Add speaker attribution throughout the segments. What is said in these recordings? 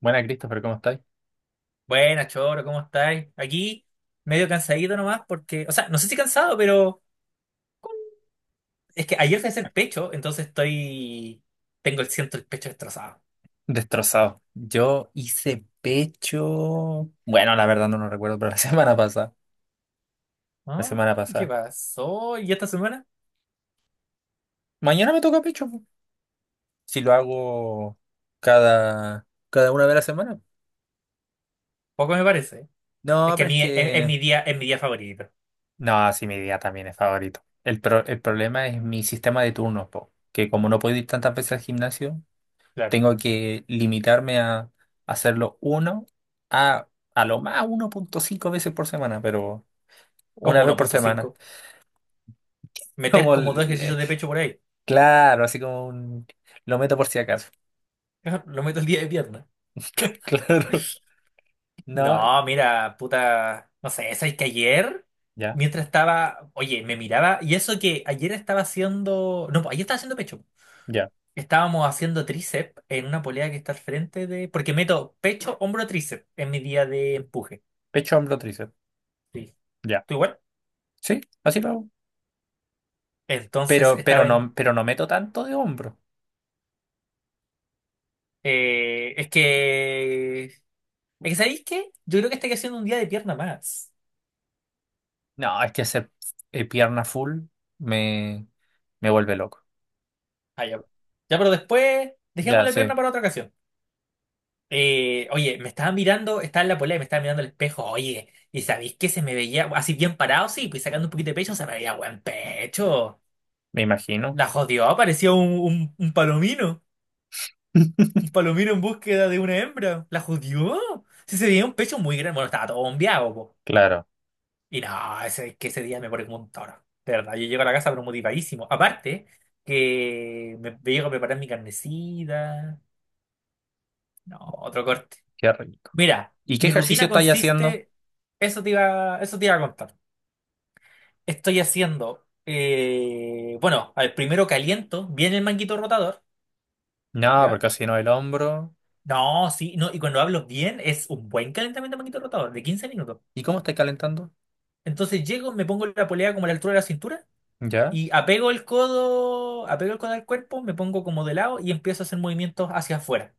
Speaker 1: Buena, Christopher, ¿cómo estáis?
Speaker 2: Buenas, Choro, ¿cómo estáis? Aquí, medio cansadito nomás, porque, o sea, no sé si cansado, pero es que ayer fui a hacer pecho, entonces estoy. Tengo el siento el pecho destrozado.
Speaker 1: Destrozado. Yo hice pecho. Bueno, la verdad no lo recuerdo, pero la semana pasada. La
Speaker 2: Ah,
Speaker 1: semana
Speaker 2: ¿qué
Speaker 1: pasada.
Speaker 2: pasó? ¿Y esta semana?
Speaker 1: Mañana me toca pecho, po. Si lo hago cada una vez a la semana.
Speaker 2: Poco me parece. Es
Speaker 1: No,
Speaker 2: que a
Speaker 1: pero es
Speaker 2: mí es
Speaker 1: que.
Speaker 2: mi día, es mi día favorito.
Speaker 1: No, sí, mi día también es favorito. El problema es mi sistema de turnos, po, que como no puedo ir tantas veces al gimnasio,
Speaker 2: Claro.
Speaker 1: tengo que limitarme a hacerlo uno a, a lo más 1,5 veces por semana, pero una
Speaker 2: Como
Speaker 1: vez
Speaker 2: uno
Speaker 1: por
Speaker 2: punto
Speaker 1: semana.
Speaker 2: cinco meter
Speaker 1: Como,
Speaker 2: como dos ejercicios de pecho por ahí.
Speaker 1: claro, así como un... Lo meto por si acaso.
Speaker 2: Lo meto el día de pierna.
Speaker 1: Claro. No,
Speaker 2: No, mira, puta. No sé, ¿sabes que ayer?
Speaker 1: ya,
Speaker 2: Mientras estaba, oye, me miraba, y eso que ayer estaba haciendo, no, pues ayer estaba haciendo pecho.
Speaker 1: ya.
Speaker 2: Estábamos haciendo tríceps en una polea que está al frente de... Porque meto pecho, hombro, tríceps en mi día de empuje.
Speaker 1: Pecho, hombro, tríceps.
Speaker 2: Sí.
Speaker 1: Ya.
Speaker 2: ¿Tú igual?
Speaker 1: Sí, así lo hago.
Speaker 2: Entonces
Speaker 1: Pero, pero
Speaker 2: estaba en...
Speaker 1: no, pero no meto tanto de hombro.
Speaker 2: Es que, ¿sabéis qué? Yo creo que estoy haciendo un día de pierna más.
Speaker 1: No, es que hacer pierna full me, me vuelve loco.
Speaker 2: Ah, ya. Ya, pero después dejamos
Speaker 1: Ya,
Speaker 2: la pierna
Speaker 1: sé.
Speaker 2: para otra ocasión. Oye, me estaba mirando, estaba en la polea y me estaba mirando el espejo. Oye, ¿y sabéis que se me veía así bien parado? Sí, pues sacando un poquito de pecho, se me veía buen pecho.
Speaker 1: Me imagino.
Speaker 2: La jodió, parecía un palomino. Un palomino en búsqueda de una hembra. ¿La jodió? Sí, se veía un pecho muy grande. Bueno, estaba todo bombeado, po.
Speaker 1: Claro,
Speaker 2: Y no, ese, es que ese día me pone como un toro. De verdad, yo llego a la casa pero motivadísimo. Aparte, que me llego a preparar mi carnecita. No, otro corte.
Speaker 1: qué rico.
Speaker 2: Mira,
Speaker 1: ¿Y qué
Speaker 2: mi
Speaker 1: ejercicio
Speaker 2: rutina
Speaker 1: estáis haciendo?
Speaker 2: consiste. Eso te iba a contar. Estoy haciendo. Bueno, al primero caliento bien el manguito rotador.
Speaker 1: No,
Speaker 2: ¿Ya?
Speaker 1: porque así no el hombro.
Speaker 2: No, sí, no, y cuando hablo bien es un buen calentamiento de manguito rotador, de 15 minutos.
Speaker 1: ¿Y cómo estáis calentando?
Speaker 2: Entonces llego, me pongo la polea como a la altura de la cintura
Speaker 1: Ya,
Speaker 2: y apego el codo al cuerpo, me pongo como de lado y empiezo a hacer movimientos hacia afuera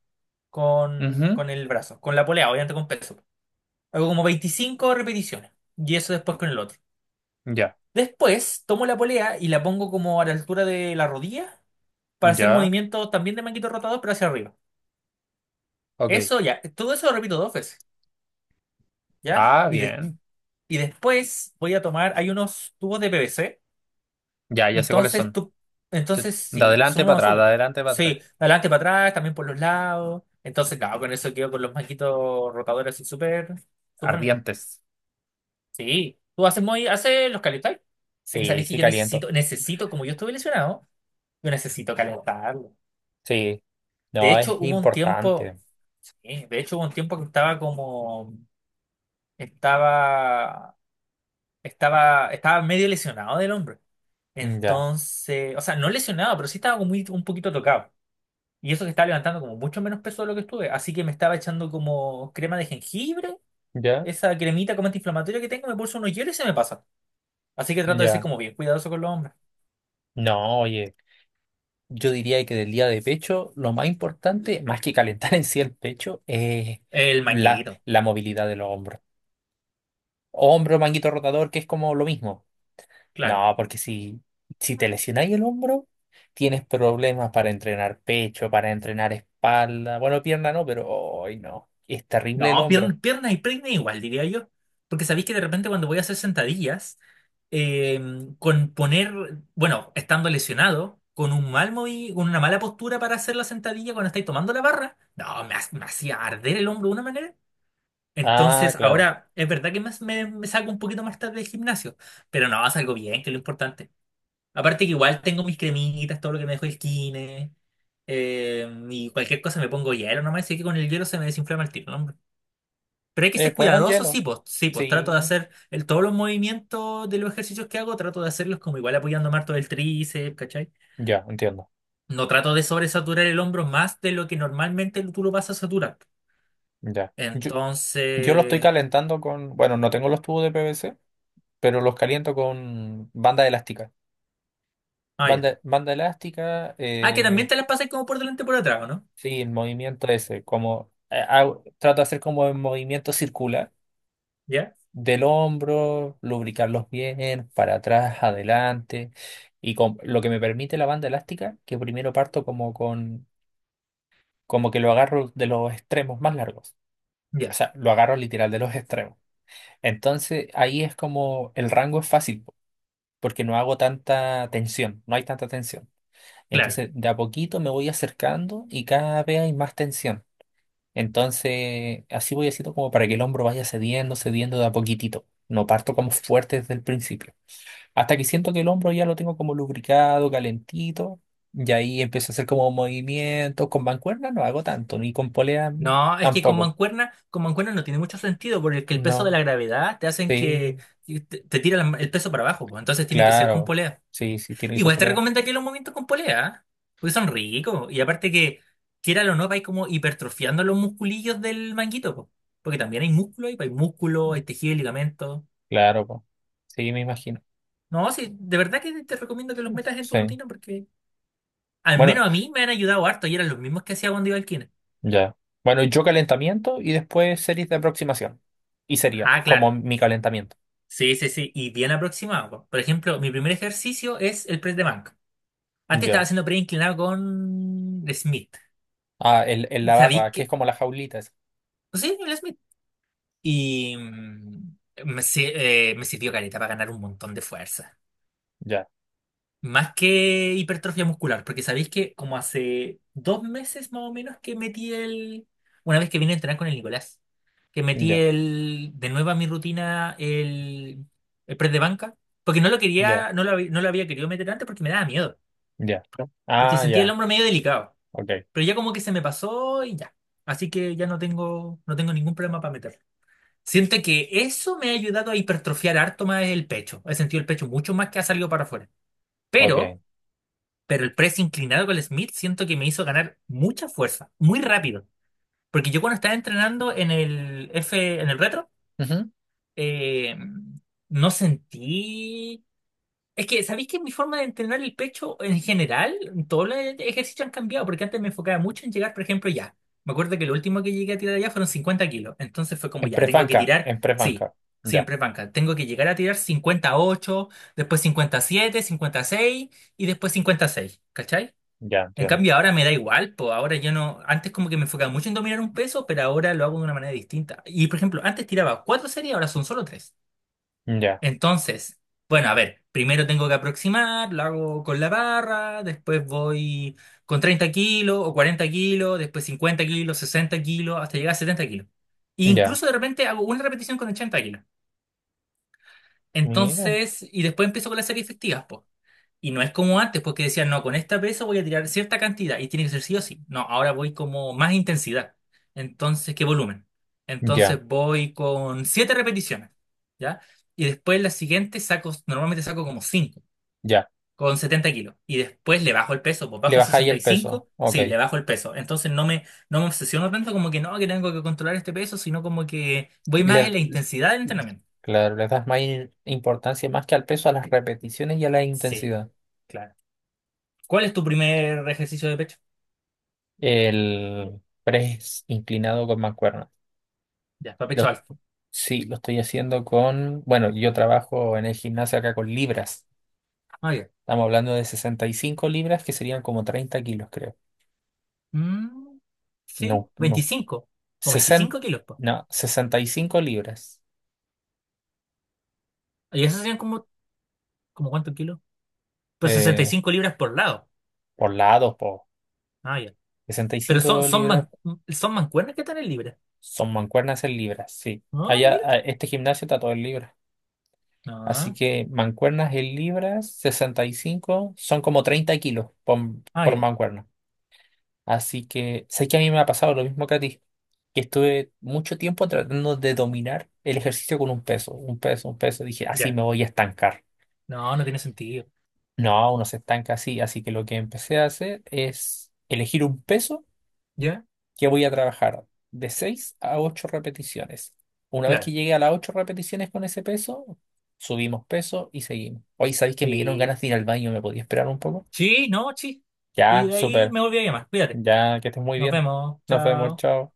Speaker 2: con,
Speaker 1: ujú.
Speaker 2: con el brazo, con la polea, obviamente con peso. Hago como 25 repeticiones y eso después con el otro.
Speaker 1: Ya,
Speaker 2: Después tomo la polea y la pongo como a la altura de la rodilla para hacer
Speaker 1: ya.
Speaker 2: movimientos también de manguito rotador, pero hacia arriba.
Speaker 1: Ok.
Speaker 2: Eso ya, todo eso lo repito dos veces, ¿ya?
Speaker 1: Ah, bien.
Speaker 2: Y después voy a tomar, hay unos tubos de PVC.
Speaker 1: Ya, ya sé cuáles
Speaker 2: Entonces
Speaker 1: son.
Speaker 2: tú, entonces
Speaker 1: De
Speaker 2: sí, son
Speaker 1: adelante para
Speaker 2: unos
Speaker 1: atrás, de
Speaker 2: azules.
Speaker 1: adelante para
Speaker 2: Sí,
Speaker 1: atrás.
Speaker 2: adelante para atrás, también por los lados. Entonces, claro, con eso quedo con los maquitos rotadores así súper, súper bien.
Speaker 1: Ardientes.
Speaker 2: Sí, tú haces muy, haces los calentáis. Es que
Speaker 1: Sí,
Speaker 2: sabéis que
Speaker 1: sí,
Speaker 2: yo
Speaker 1: caliento.
Speaker 2: necesito, necesito, como yo estuve lesionado, yo necesito calentarlo.
Speaker 1: Sí.
Speaker 2: De
Speaker 1: No,
Speaker 2: hecho,
Speaker 1: es
Speaker 2: hubo un
Speaker 1: importante.
Speaker 2: tiempo, sí, de hecho hubo un tiempo que estaba como, estaba, estaba, estaba medio lesionado del hombro.
Speaker 1: Mm, ya,
Speaker 2: Entonces, o sea, no lesionado, pero sí estaba como un poquito tocado. Y eso que estaba levantando como mucho menos peso de lo que estuve. Así que me estaba echando como crema de jengibre,
Speaker 1: ya,
Speaker 2: esa cremita como antiinflamatoria que tengo, me pulso unos hielos y se me pasa. Así que trato de ser
Speaker 1: ya.
Speaker 2: como bien cuidadoso con los hombres.
Speaker 1: No, oye, yo diría que del día de pecho, lo más importante, más que calentar en sí el pecho, es
Speaker 2: El
Speaker 1: la,
Speaker 2: manguito,
Speaker 1: la movilidad de los hombros. Hombro, manguito rotador, que es como lo mismo.
Speaker 2: claro.
Speaker 1: No, porque si te lesionáis el hombro, tienes problemas para entrenar pecho, para entrenar espalda. Bueno, pierna no, pero hoy no. Es terrible el
Speaker 2: No,
Speaker 1: hombro.
Speaker 2: piernas pierna y peine igual, diría yo. Porque sabéis que de repente cuando voy a hacer sentadillas, eh, con poner, bueno, estando lesionado, con una mala postura para hacer la sentadilla cuando estáis tomando la barra, no, me hacía arder el hombro de una manera.
Speaker 1: Ah,
Speaker 2: Entonces,
Speaker 1: claro.
Speaker 2: ahora es verdad que más me saco un poquito más tarde del gimnasio, pero no, salgo bien, que es lo importante. Aparte que igual tengo mis cremitas, todo lo que me dejó el kine, y cualquier cosa me pongo hielo nomás, así que con el hielo se me desinflama el tiro, ¿no, hombre? Pero hay que ser
Speaker 1: Bueno, el
Speaker 2: cuidadoso,
Speaker 1: hielo.
Speaker 2: sí, pues trato de
Speaker 1: Sí.
Speaker 2: hacer el, todos los movimientos de los ejercicios que hago, trato de hacerlos como igual apoyando más todo el tríceps, ¿cachai?
Speaker 1: Ya, entiendo.
Speaker 2: No trato de sobresaturar el hombro más de lo que normalmente tú lo vas a saturar.
Speaker 1: Ya. Yo lo estoy
Speaker 2: Entonces...
Speaker 1: calentando con. Bueno, no tengo los tubos de PVC, pero los caliento con banda elástica.
Speaker 2: Ah, ya.
Speaker 1: Banda elástica,
Speaker 2: Ah, que también te las pasas como por delante y por atrás, ¿o no?
Speaker 1: sí, el movimiento ese. Como, trato de hacer como el movimiento circular
Speaker 2: ¿Ya?
Speaker 1: del hombro, lubricarlos bien, para atrás, adelante. Y con, lo que me permite la banda elástica, que primero parto como con, como que lo agarro de los extremos más largos. O
Speaker 2: Ya,
Speaker 1: sea, lo agarro literal de los extremos. Entonces ahí es como el rango es fácil, po, porque no hago tanta tensión, no hay tanta tensión.
Speaker 2: claro.
Speaker 1: Entonces de a poquito me voy acercando y cada vez hay más tensión. Entonces así voy haciendo como para que el hombro vaya cediendo, cediendo de a poquitito. No parto como fuerte desde el principio. Hasta que siento que el hombro ya lo tengo como lubricado, calentito, y ahí empiezo a hacer como movimientos. Con mancuerna no hago tanto, ni con polea
Speaker 2: No, es que
Speaker 1: tampoco.
Speaker 2: con mancuerna no tiene mucho sentido, porque el peso de la
Speaker 1: No,
Speaker 2: gravedad te hacen
Speaker 1: sí,
Speaker 2: que te tira la- el peso para abajo, pues, entonces tiene que ser con
Speaker 1: claro.
Speaker 2: polea.
Speaker 1: Sí, sí, tiene que ser
Speaker 2: Igual te
Speaker 1: polea.
Speaker 2: recomendaría los movimientos con polea, ¿ah? Porque son ricos, y aparte que, quiera o no, vais como hipertrofiando los musculillos del manguito, pues, porque también hay músculo, ahí, pues, hay músculo, hay tejido y ligamento.
Speaker 1: Claro, po. Sí, me imagino.
Speaker 2: No, sí, de verdad que te recomiendo que los metas en tu
Speaker 1: Sí.
Speaker 2: rutina, porque al
Speaker 1: Bueno,
Speaker 2: menos a mí me han ayudado harto, y eran los mismos que hacía cuando iba al kine.
Speaker 1: ya. Bueno, yo calentamiento y después series de aproximación. Y sería
Speaker 2: Ah,
Speaker 1: como
Speaker 2: claro.
Speaker 1: mi calentamiento.
Speaker 2: Sí, sí, sí. Y bien aproximado. Po. Por ejemplo, mi primer ejercicio es el press de banca. Antes estaba
Speaker 1: Ya.
Speaker 2: haciendo press inclinado con Smith.
Speaker 1: Ah, en
Speaker 2: Y
Speaker 1: la
Speaker 2: sabí
Speaker 1: barra, que es
Speaker 2: que.
Speaker 1: como las jaulitas.
Speaker 2: Pues sí, el Smith. Y mm, me, si- me sirvió caleta para ganar un montón de fuerza.
Speaker 1: Ya,
Speaker 2: Más que hipertrofia muscular, porque sabéis que como hace 2 meses más o menos que metí el... Una vez que vine a entrenar con el Nicolás, que metí
Speaker 1: ya,
Speaker 2: el... de nuevo a mi rutina el press de banca, porque
Speaker 1: ya,
Speaker 2: no lo había querido meter antes porque me daba miedo,
Speaker 1: ya.
Speaker 2: porque
Speaker 1: Ah,
Speaker 2: sentía el
Speaker 1: ya.
Speaker 2: hombro medio delicado,
Speaker 1: Ok,
Speaker 2: pero ya como que se me pasó y ya. Así que ya no tengo ningún problema para meterlo. Siento que eso me ha ayudado a hipertrofiar harto más el pecho. He sentido el pecho mucho más que ha salido para afuera. Pero...
Speaker 1: ok.
Speaker 2: Pero el press inclinado con el Smith siento que me hizo ganar mucha fuerza, muy rápido. Porque yo cuando estaba entrenando en el retro,
Speaker 1: Ujú.
Speaker 2: eh, no sentí... Es que, ¿sabéis que mi forma de entrenar el pecho en general, todos los ejercicios han cambiado? Porque antes me enfocaba mucho en llegar, por ejemplo, ya. Me acuerdo que lo último que llegué a tirar allá fueron 50 kilos. Entonces fue como
Speaker 1: En
Speaker 2: ya, tengo que
Speaker 1: prefanca,
Speaker 2: tirar,
Speaker 1: en
Speaker 2: sí,
Speaker 1: prefanca. Ya,
Speaker 2: siempre es banca. Tengo que llegar a tirar 58, después 57, 56 y seis y después 56, ¿cachai?
Speaker 1: ya,
Speaker 2: En
Speaker 1: entiendo.
Speaker 2: cambio, ahora me da igual, pues ahora yo no, antes como que me enfocaba mucho en dominar un peso, pero ahora lo hago de una manera distinta. Y por ejemplo, antes tiraba 4 series, ahora son solo 3.
Speaker 1: Ya,
Speaker 2: Entonces, bueno, a ver, primero tengo que aproximar, lo hago con la barra, después voy con 30 kilos o 40 kilos, después 50 kilos, 60 kilos, hasta llegar a 70 kilos. E
Speaker 1: ya.
Speaker 2: incluso de repente hago una repetición con 80 kilos.
Speaker 1: Mira,
Speaker 2: Entonces, y después empiezo con las series efectivas, pues. Y no es como antes, porque decían, no, con esta pesa voy a tirar cierta cantidad y tiene que ser sí o sí. No, ahora voy como más intensidad. Entonces, ¿qué volumen?
Speaker 1: ya,
Speaker 2: Entonces voy con 7 repeticiones, ¿ya? Y después la siguiente saco, normalmente saco como cinco,
Speaker 1: ya.
Speaker 2: con 70 kilos. Y después le bajo el peso, pues
Speaker 1: Le
Speaker 2: bajo a
Speaker 1: baja ahí
Speaker 2: sesenta y
Speaker 1: el peso.
Speaker 2: cinco
Speaker 1: Ok.
Speaker 2: sí, le bajo el peso. Entonces no me obsesiono tanto como que no, que tengo que controlar este peso, sino como que voy más
Speaker 1: Le-
Speaker 2: en la intensidad del entrenamiento.
Speaker 1: claro, le das más importancia más que al peso, a las repeticiones y a la
Speaker 2: Sí,
Speaker 1: intensidad.
Speaker 2: claro. ¿Cuál es tu primer ejercicio de pecho?
Speaker 1: El press inclinado con mancuerna.
Speaker 2: Ya, para pecho
Speaker 1: Lo,
Speaker 2: alto.
Speaker 1: sí, lo estoy haciendo con. Bueno, yo trabajo en el gimnasio acá con libras.
Speaker 2: Ah, ya.
Speaker 1: Estamos hablando de 65 libras, que serían como 30 kilos, creo.
Speaker 2: Mm, sí,
Speaker 1: No, no,
Speaker 2: ¿veinticinco o
Speaker 1: 60,
Speaker 2: 25 kilos, po?
Speaker 1: no, 65 libras.
Speaker 2: ¿Y eso serían como, como cuántos kilos? Pues sesenta y
Speaker 1: eh,
Speaker 2: cinco libras por lado.
Speaker 1: por lados, por
Speaker 2: Ah, ya.
Speaker 1: sesenta y
Speaker 2: Pero
Speaker 1: cinco libras,
Speaker 2: son mancuernas que están en libras.
Speaker 1: son mancuernas en libras, sí.
Speaker 2: Ah,
Speaker 1: Allá,
Speaker 2: mira.
Speaker 1: este gimnasio está todo en libras. Así
Speaker 2: Ah,
Speaker 1: que mancuernas en libras, 65 son como 30 kilos por,
Speaker 2: ah,
Speaker 1: por
Speaker 2: ya.
Speaker 1: mancuerna. Así que sé que a mí me ha pasado lo mismo que a ti, que estuve mucho tiempo tratando de dominar el ejercicio con un peso, un peso, un peso. Dije, así
Speaker 2: Ya.
Speaker 1: me voy a estancar.
Speaker 2: No, no tiene sentido.
Speaker 1: No, uno se estanca así. Así que lo que empecé a hacer es elegir un peso
Speaker 2: ¿Ya?
Speaker 1: que voy a trabajar de 6 a 8 repeticiones. Una vez que
Speaker 2: Claro.
Speaker 1: llegue a las 8 repeticiones con ese peso, subimos peso y seguimos. Hoy sabéis que me dieron
Speaker 2: Sí.
Speaker 1: ganas de ir al baño, ¿me podía esperar un poco?
Speaker 2: Sí, no, sí. Y
Speaker 1: Ya,
Speaker 2: de ahí
Speaker 1: súper.
Speaker 2: me volví a llamar. Cuídate.
Speaker 1: Ya, que estés muy
Speaker 2: Nos
Speaker 1: bien.
Speaker 2: vemos.
Speaker 1: Nos vemos,
Speaker 2: Chao.
Speaker 1: chao.